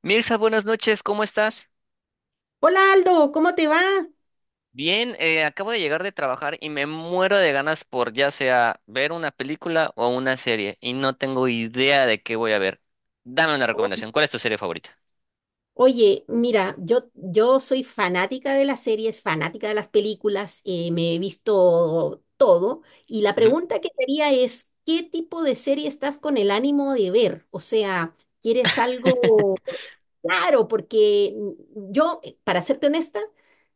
Mirza, buenas noches, ¿cómo estás? Hola Aldo, ¿cómo te va? Bien, acabo de llegar de trabajar y me muero de ganas por ya sea ver una película o una serie y no tengo idea de qué voy a ver. Dame una O- recomendación, ¿cuál es tu serie favorita? Oye, mira, yo soy fanática de las series, fanática de las películas, me he visto todo y la Ujú. pregunta que te haría es, ¿qué tipo de serie estás con el ánimo de ver? O sea, ¿quieres algo claro? Porque yo, para serte honesta,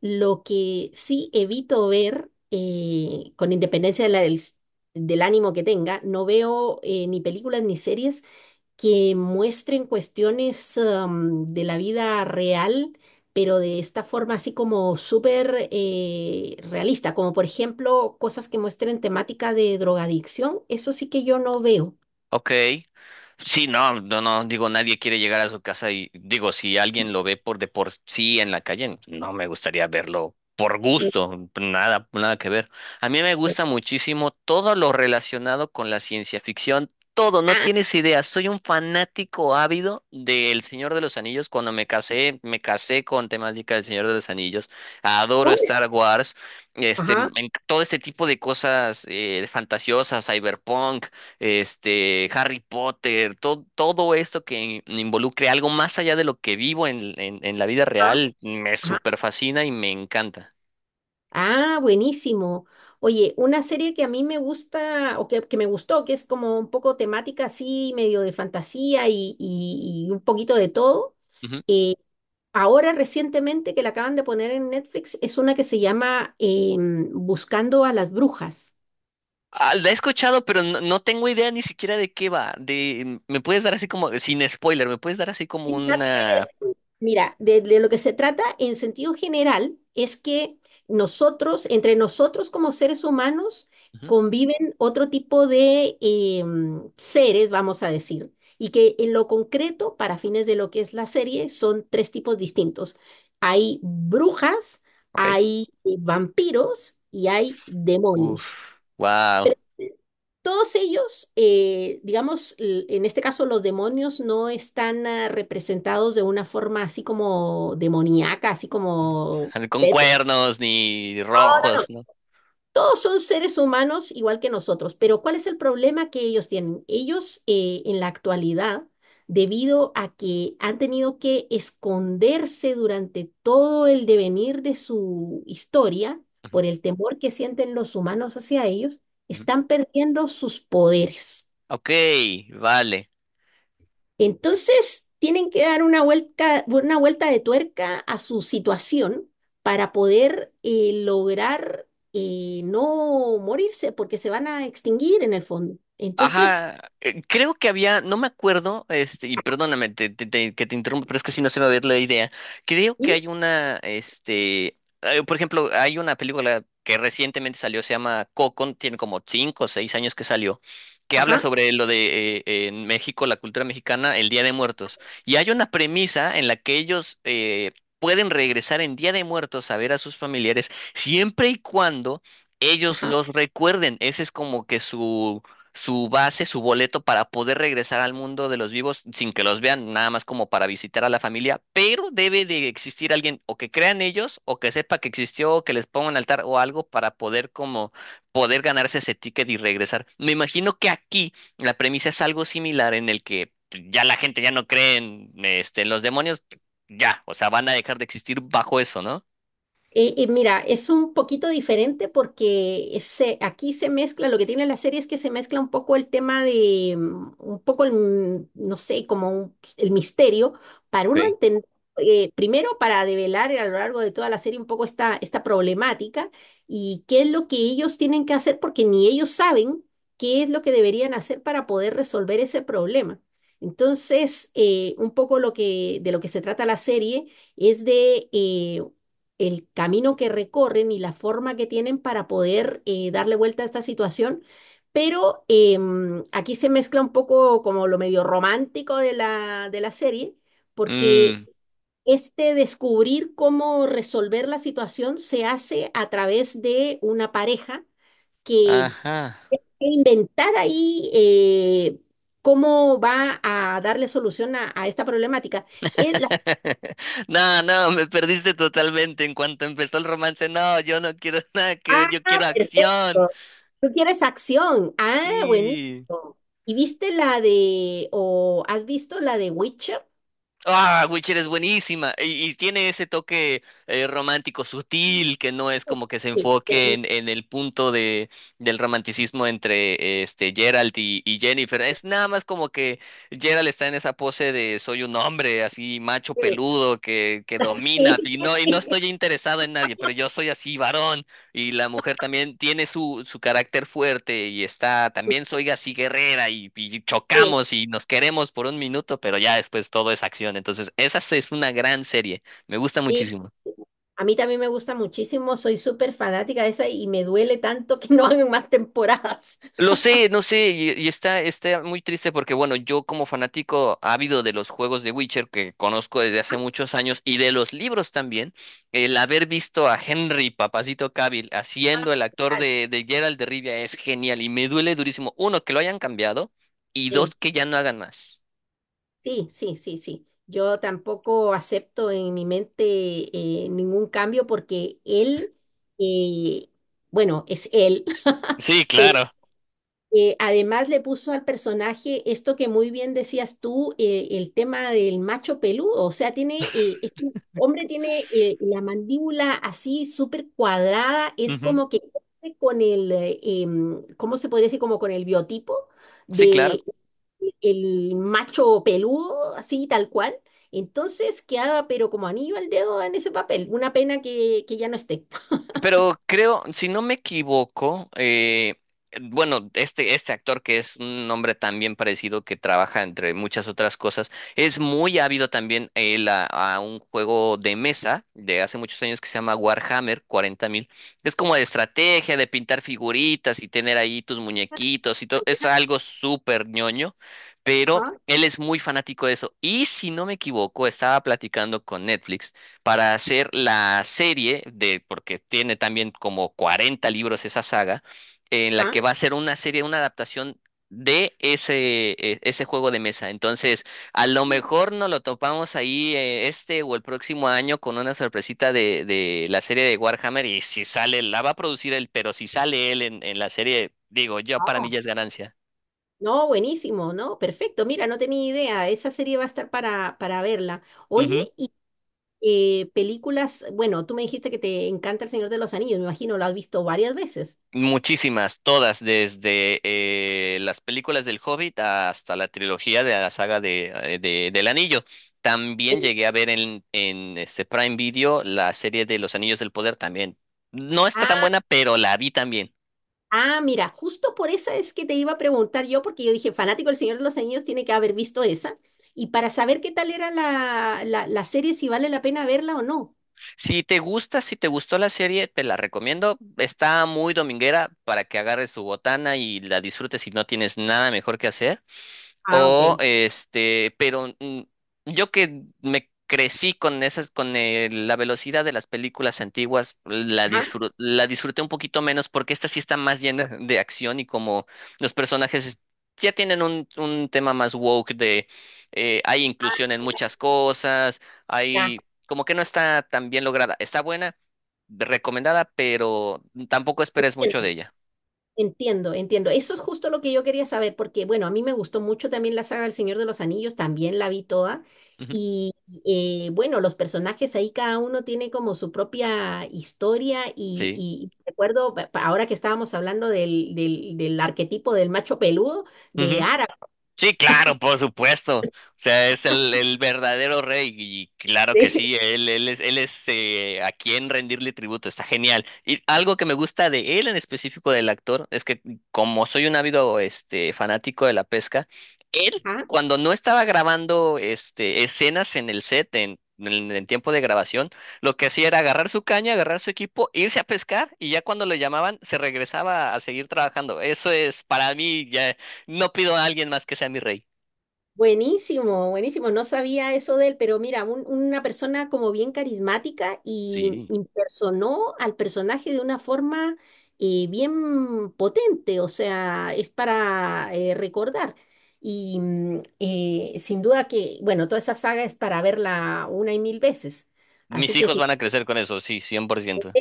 lo que sí evito ver, con independencia del ánimo que tenga, no veo ni películas ni series que muestren cuestiones de la vida real, pero de esta forma así como súper realista, como por ejemplo cosas que muestren temática de drogadicción, eso sí que yo no veo. Ok. Sí, no, no, no, digo, nadie quiere llegar a su casa y digo, si alguien lo ve por de por sí en la calle, no me gustaría verlo por No. gusto, nada, nada que ver. A mí me gusta muchísimo todo lo relacionado con la ciencia ficción, todo, no Ah, tienes idea, soy un fanático ávido del Señor de los Anillos. Cuando me casé con temática del Señor de los Anillos. Adoro oh, Star Wars, este, ajá, todo este tipo de cosas fantasiosas, cyberpunk, este, Harry Potter, todo, todo esto que involucre algo más allá de lo que vivo en la vida ajá, real, me ajá. super fascina y me encanta. Ah, buenísimo. Oye, una serie que a mí me gusta o que me gustó, que es como un poco temática así, medio de fantasía y un poquito de todo, Ujú. eh, ahora recientemente que la acaban de poner en Netflix es una que se llama Buscando a las Brujas. Ah, la he escuchado, pero no, no tengo idea ni siquiera de qué va. De, mm, me puedes dar así como, sin spoiler, me puedes dar así como En parte. una. Mira, de lo que se trata en sentido general es que nosotros, entre nosotros como seres humanos, Ujú. conviven otro tipo de seres, vamos a decir, y que en lo concreto, para fines de lo que es la serie, son tres tipos distintos. Hay brujas, Ok. hay vampiros y hay demonios. Uf, wow. Todos ellos, digamos, en este caso los demonios no están representados de una forma así como demoníaca, así como Con tétrica. cuernos ni No, no, rojos, no. ¿no? Todos son seres humanos igual que nosotros, pero ¿cuál es el problema que ellos tienen? Ellos en la actualidad, debido a que han tenido que esconderse durante todo el devenir de su historia Ujú, por el temor que sienten los humanos hacia ellos, ujú. están perdiendo sus poderes. Ok, vale. Entonces, tienen que dar una vuelta de tuerca a su situación para poder lograr no morirse, porque se van a extinguir en el fondo. Entonces, Ajá, creo que había, no me acuerdo, este, y perdóname que te interrumpo, pero es que si no se me va a ver la idea. Creo que ¿sí? hay una, este, por ejemplo, hay una película que recientemente salió, se llama Coco, tiene como cinco o seis años que salió, que habla Ajá, sobre lo de en México, la cultura mexicana, el Día de Muertos. Y hay una premisa en la que ellos pueden regresar en Día de Muertos a ver a sus familiares siempre y cuando ellos ajá. los recuerden. Ese es como que su base, su boleto para poder regresar al mundo de los vivos sin que los vean, nada más como para visitar a la familia, pero debe de existir alguien o que crean ellos o que sepa que existió o que les ponga un altar o algo para poder como poder ganarse ese ticket y regresar. Me imagino que aquí la premisa es algo similar en el que pues, ya la gente ya no cree en, este, en los demonios, ya, o sea, van a dejar de existir bajo eso, ¿no? Mira, es un poquito diferente porque aquí se mezcla, lo que tiene la serie es que se mezcla un poco el tema de, un poco el, no sé, como el misterio, para Ok. uno entender, primero para develar a lo largo de toda la serie un poco esta problemática y qué es lo que ellos tienen que hacer porque ni ellos saben qué es lo que deberían hacer para poder resolver ese problema. Entonces, un poco lo que, de lo que se trata la serie es de el camino que recorren y la forma que tienen para poder darle vuelta a esta situación. Pero aquí se mezcla un poco como lo medio romántico de la serie, porque Mm, este descubrir cómo resolver la situación se hace a través de una pareja que ajá. que inventar ahí cómo va a darle solución a esta problemática. Es la. No, no, me perdiste totalmente. En cuanto empezó el romance, no, yo no quiero nada que ver, Ah, yo quiero acción. perfecto. Tú quieres acción. Ah, Sí. buenísimo. ¿Y viste la de, o has visto la de Witcher? Ah, Witcher es buenísima y tiene ese toque romántico sutil que no es como que se Sí, pero enfoque en el punto de, del romanticismo entre este Geralt y Jennifer. Es nada más como que Geralt está en esa pose de soy un hombre así macho sí, peludo que sí, domina sí, y no sí. estoy interesado en nadie, pero yo soy así varón. Y la mujer también tiene su, su carácter fuerte y está, también soy así guerrera y Sí, chocamos y nos queremos por un minuto, pero ya después todo es acción. Entonces, esa es una gran serie. Me gusta sí. muchísimo. A mí también me gusta muchísimo, soy súper fanática de esa y me duele tanto que no hagan más temporadas. Lo sé, no sé, y está, está muy triste porque, bueno, yo como fanático ávido de los juegos de Witcher que conozco desde hace muchos años y de los libros también, el haber visto a Henry Papacito Cavill Ah, haciendo el actor vale. De Geralt de Rivia es genial y me duele durísimo, uno, que lo hayan cambiado y Sí, dos, que ya no hagan más. sí, sí, sí, sí. Yo tampoco acepto en mi mente ningún cambio porque él, eh, bueno, es él, Sí, pero. claro. Además le puso al personaje esto que muy bien decías tú, el tema del macho peludo, o sea, tiene, este hombre tiene la mandíbula así súper cuadrada, es Ujú. como que cumple con el, ¿cómo se podría decir? Como con el biotipo Sí, claro. de el macho peludo, así tal cual. Entonces quedaba pero como anillo al dedo en ese papel. Una pena que ya no esté. Pero creo, si no me equivoco, bueno, este actor que es un hombre también parecido que trabaja entre muchas otras cosas, es muy ávido también él a un juego de mesa de hace muchos años que se llama Warhammer 40.000. Es como de estrategia, de pintar figuritas y tener ahí tus muñequitos y todo. Es algo súper ñoño, pero Ajá, él es muy fanático de eso. Y si no me equivoco, estaba platicando con Netflix para hacer la serie de, porque tiene también como 40 libros esa saga, en la que va a ser una serie, una adaptación de ese, ese juego de mesa. Entonces, a lo mejor nos lo topamos ahí este o el próximo año con una sorpresita de la serie de Warhammer y si sale, la va a producir él, pero si sale él en la serie, digo, yo para mí ajá. ya es ganancia. No, buenísimo, ¿no? Perfecto. Mira, no tenía idea. Esa serie va a estar para verla. Oye, y películas, bueno, tú me dijiste que te encanta El Señor de los Anillos, me imagino, lo has visto varias veces. Muchísimas, todas, desde las películas del Hobbit hasta la trilogía de la saga de, del Anillo. También Sí. llegué a ver en este Prime Video la serie de Los Anillos del Poder también. No está tan Ah, buena, pero la vi también. ah, mira, justo por esa es que te iba a preguntar yo, porque yo dije, fanático del Señor de los Anillos tiene que haber visto esa, y para saber qué tal era la serie, si vale la pena verla o no. Si te gusta, si te gustó la serie, te la recomiendo. Está muy dominguera para que agarres tu botana y la disfrutes si no tienes nada mejor que hacer. Ah, O ok. este, pero mm, yo que me crecí con esas, con la velocidad de las películas antiguas, la Ajá, la disfruté un poquito menos porque esta sí está más llena de acción y como los personajes ya tienen un tema más woke de hay inclusión en muchas cosas, ah, hay como que no está tan bien lograda. Está buena, recomendada, pero tampoco esperes ya. mucho de ella. Entiendo, entiendo. Eso es justo lo que yo quería saber, porque bueno, a mí me gustó mucho también la saga del Señor de los Anillos, también la vi toda. Ujú. Y bueno, los personajes ahí cada uno tiene como su propia historia y, Sí. y recuerdo, ahora que estábamos hablando del arquetipo del macho peludo, de Ara, Sí, claro, por supuesto. O sea, es el verdadero rey y claro que sí, él, él es a quien rendirle tributo, está genial. Y algo que me gusta de él en específico del actor es que como soy un ávido este, fanático de la pesca, él cuando no estaba grabando este, escenas en el set, en tiempo de grabación, lo que hacía era agarrar su caña, agarrar su equipo, irse a pescar y ya cuando lo llamaban se regresaba a seguir trabajando. Eso es para mí, no pido a alguien más que sea mi rey. buenísimo, buenísimo. No sabía eso de él, pero mira, una persona como bien carismática y Sí. impersonó al personaje de una forma bien potente, o sea, es para recordar. Y sin duda que, bueno, toda esa saga es para verla una y mil veces. Mis Así que hijos sí, van a crecer con eso, sí, 100%.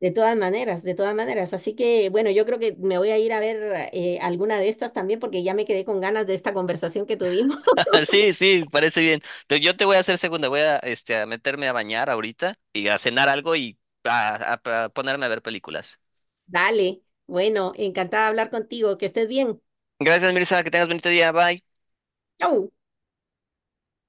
de todas maneras, de todas maneras. Así que, bueno, yo creo que me voy a ir a ver alguna de estas también porque ya me quedé con ganas de esta conversación que tuvimos. Sí, sí, parece bien. Yo te voy a hacer segunda, voy a, este, a meterme a bañar ahorita y a cenar algo y a, a ponerme a ver películas. Dale. Bueno, encantada de hablar contigo. Que estés bien. Gracias, Mirza, que tengas bonito día, bye. Chau.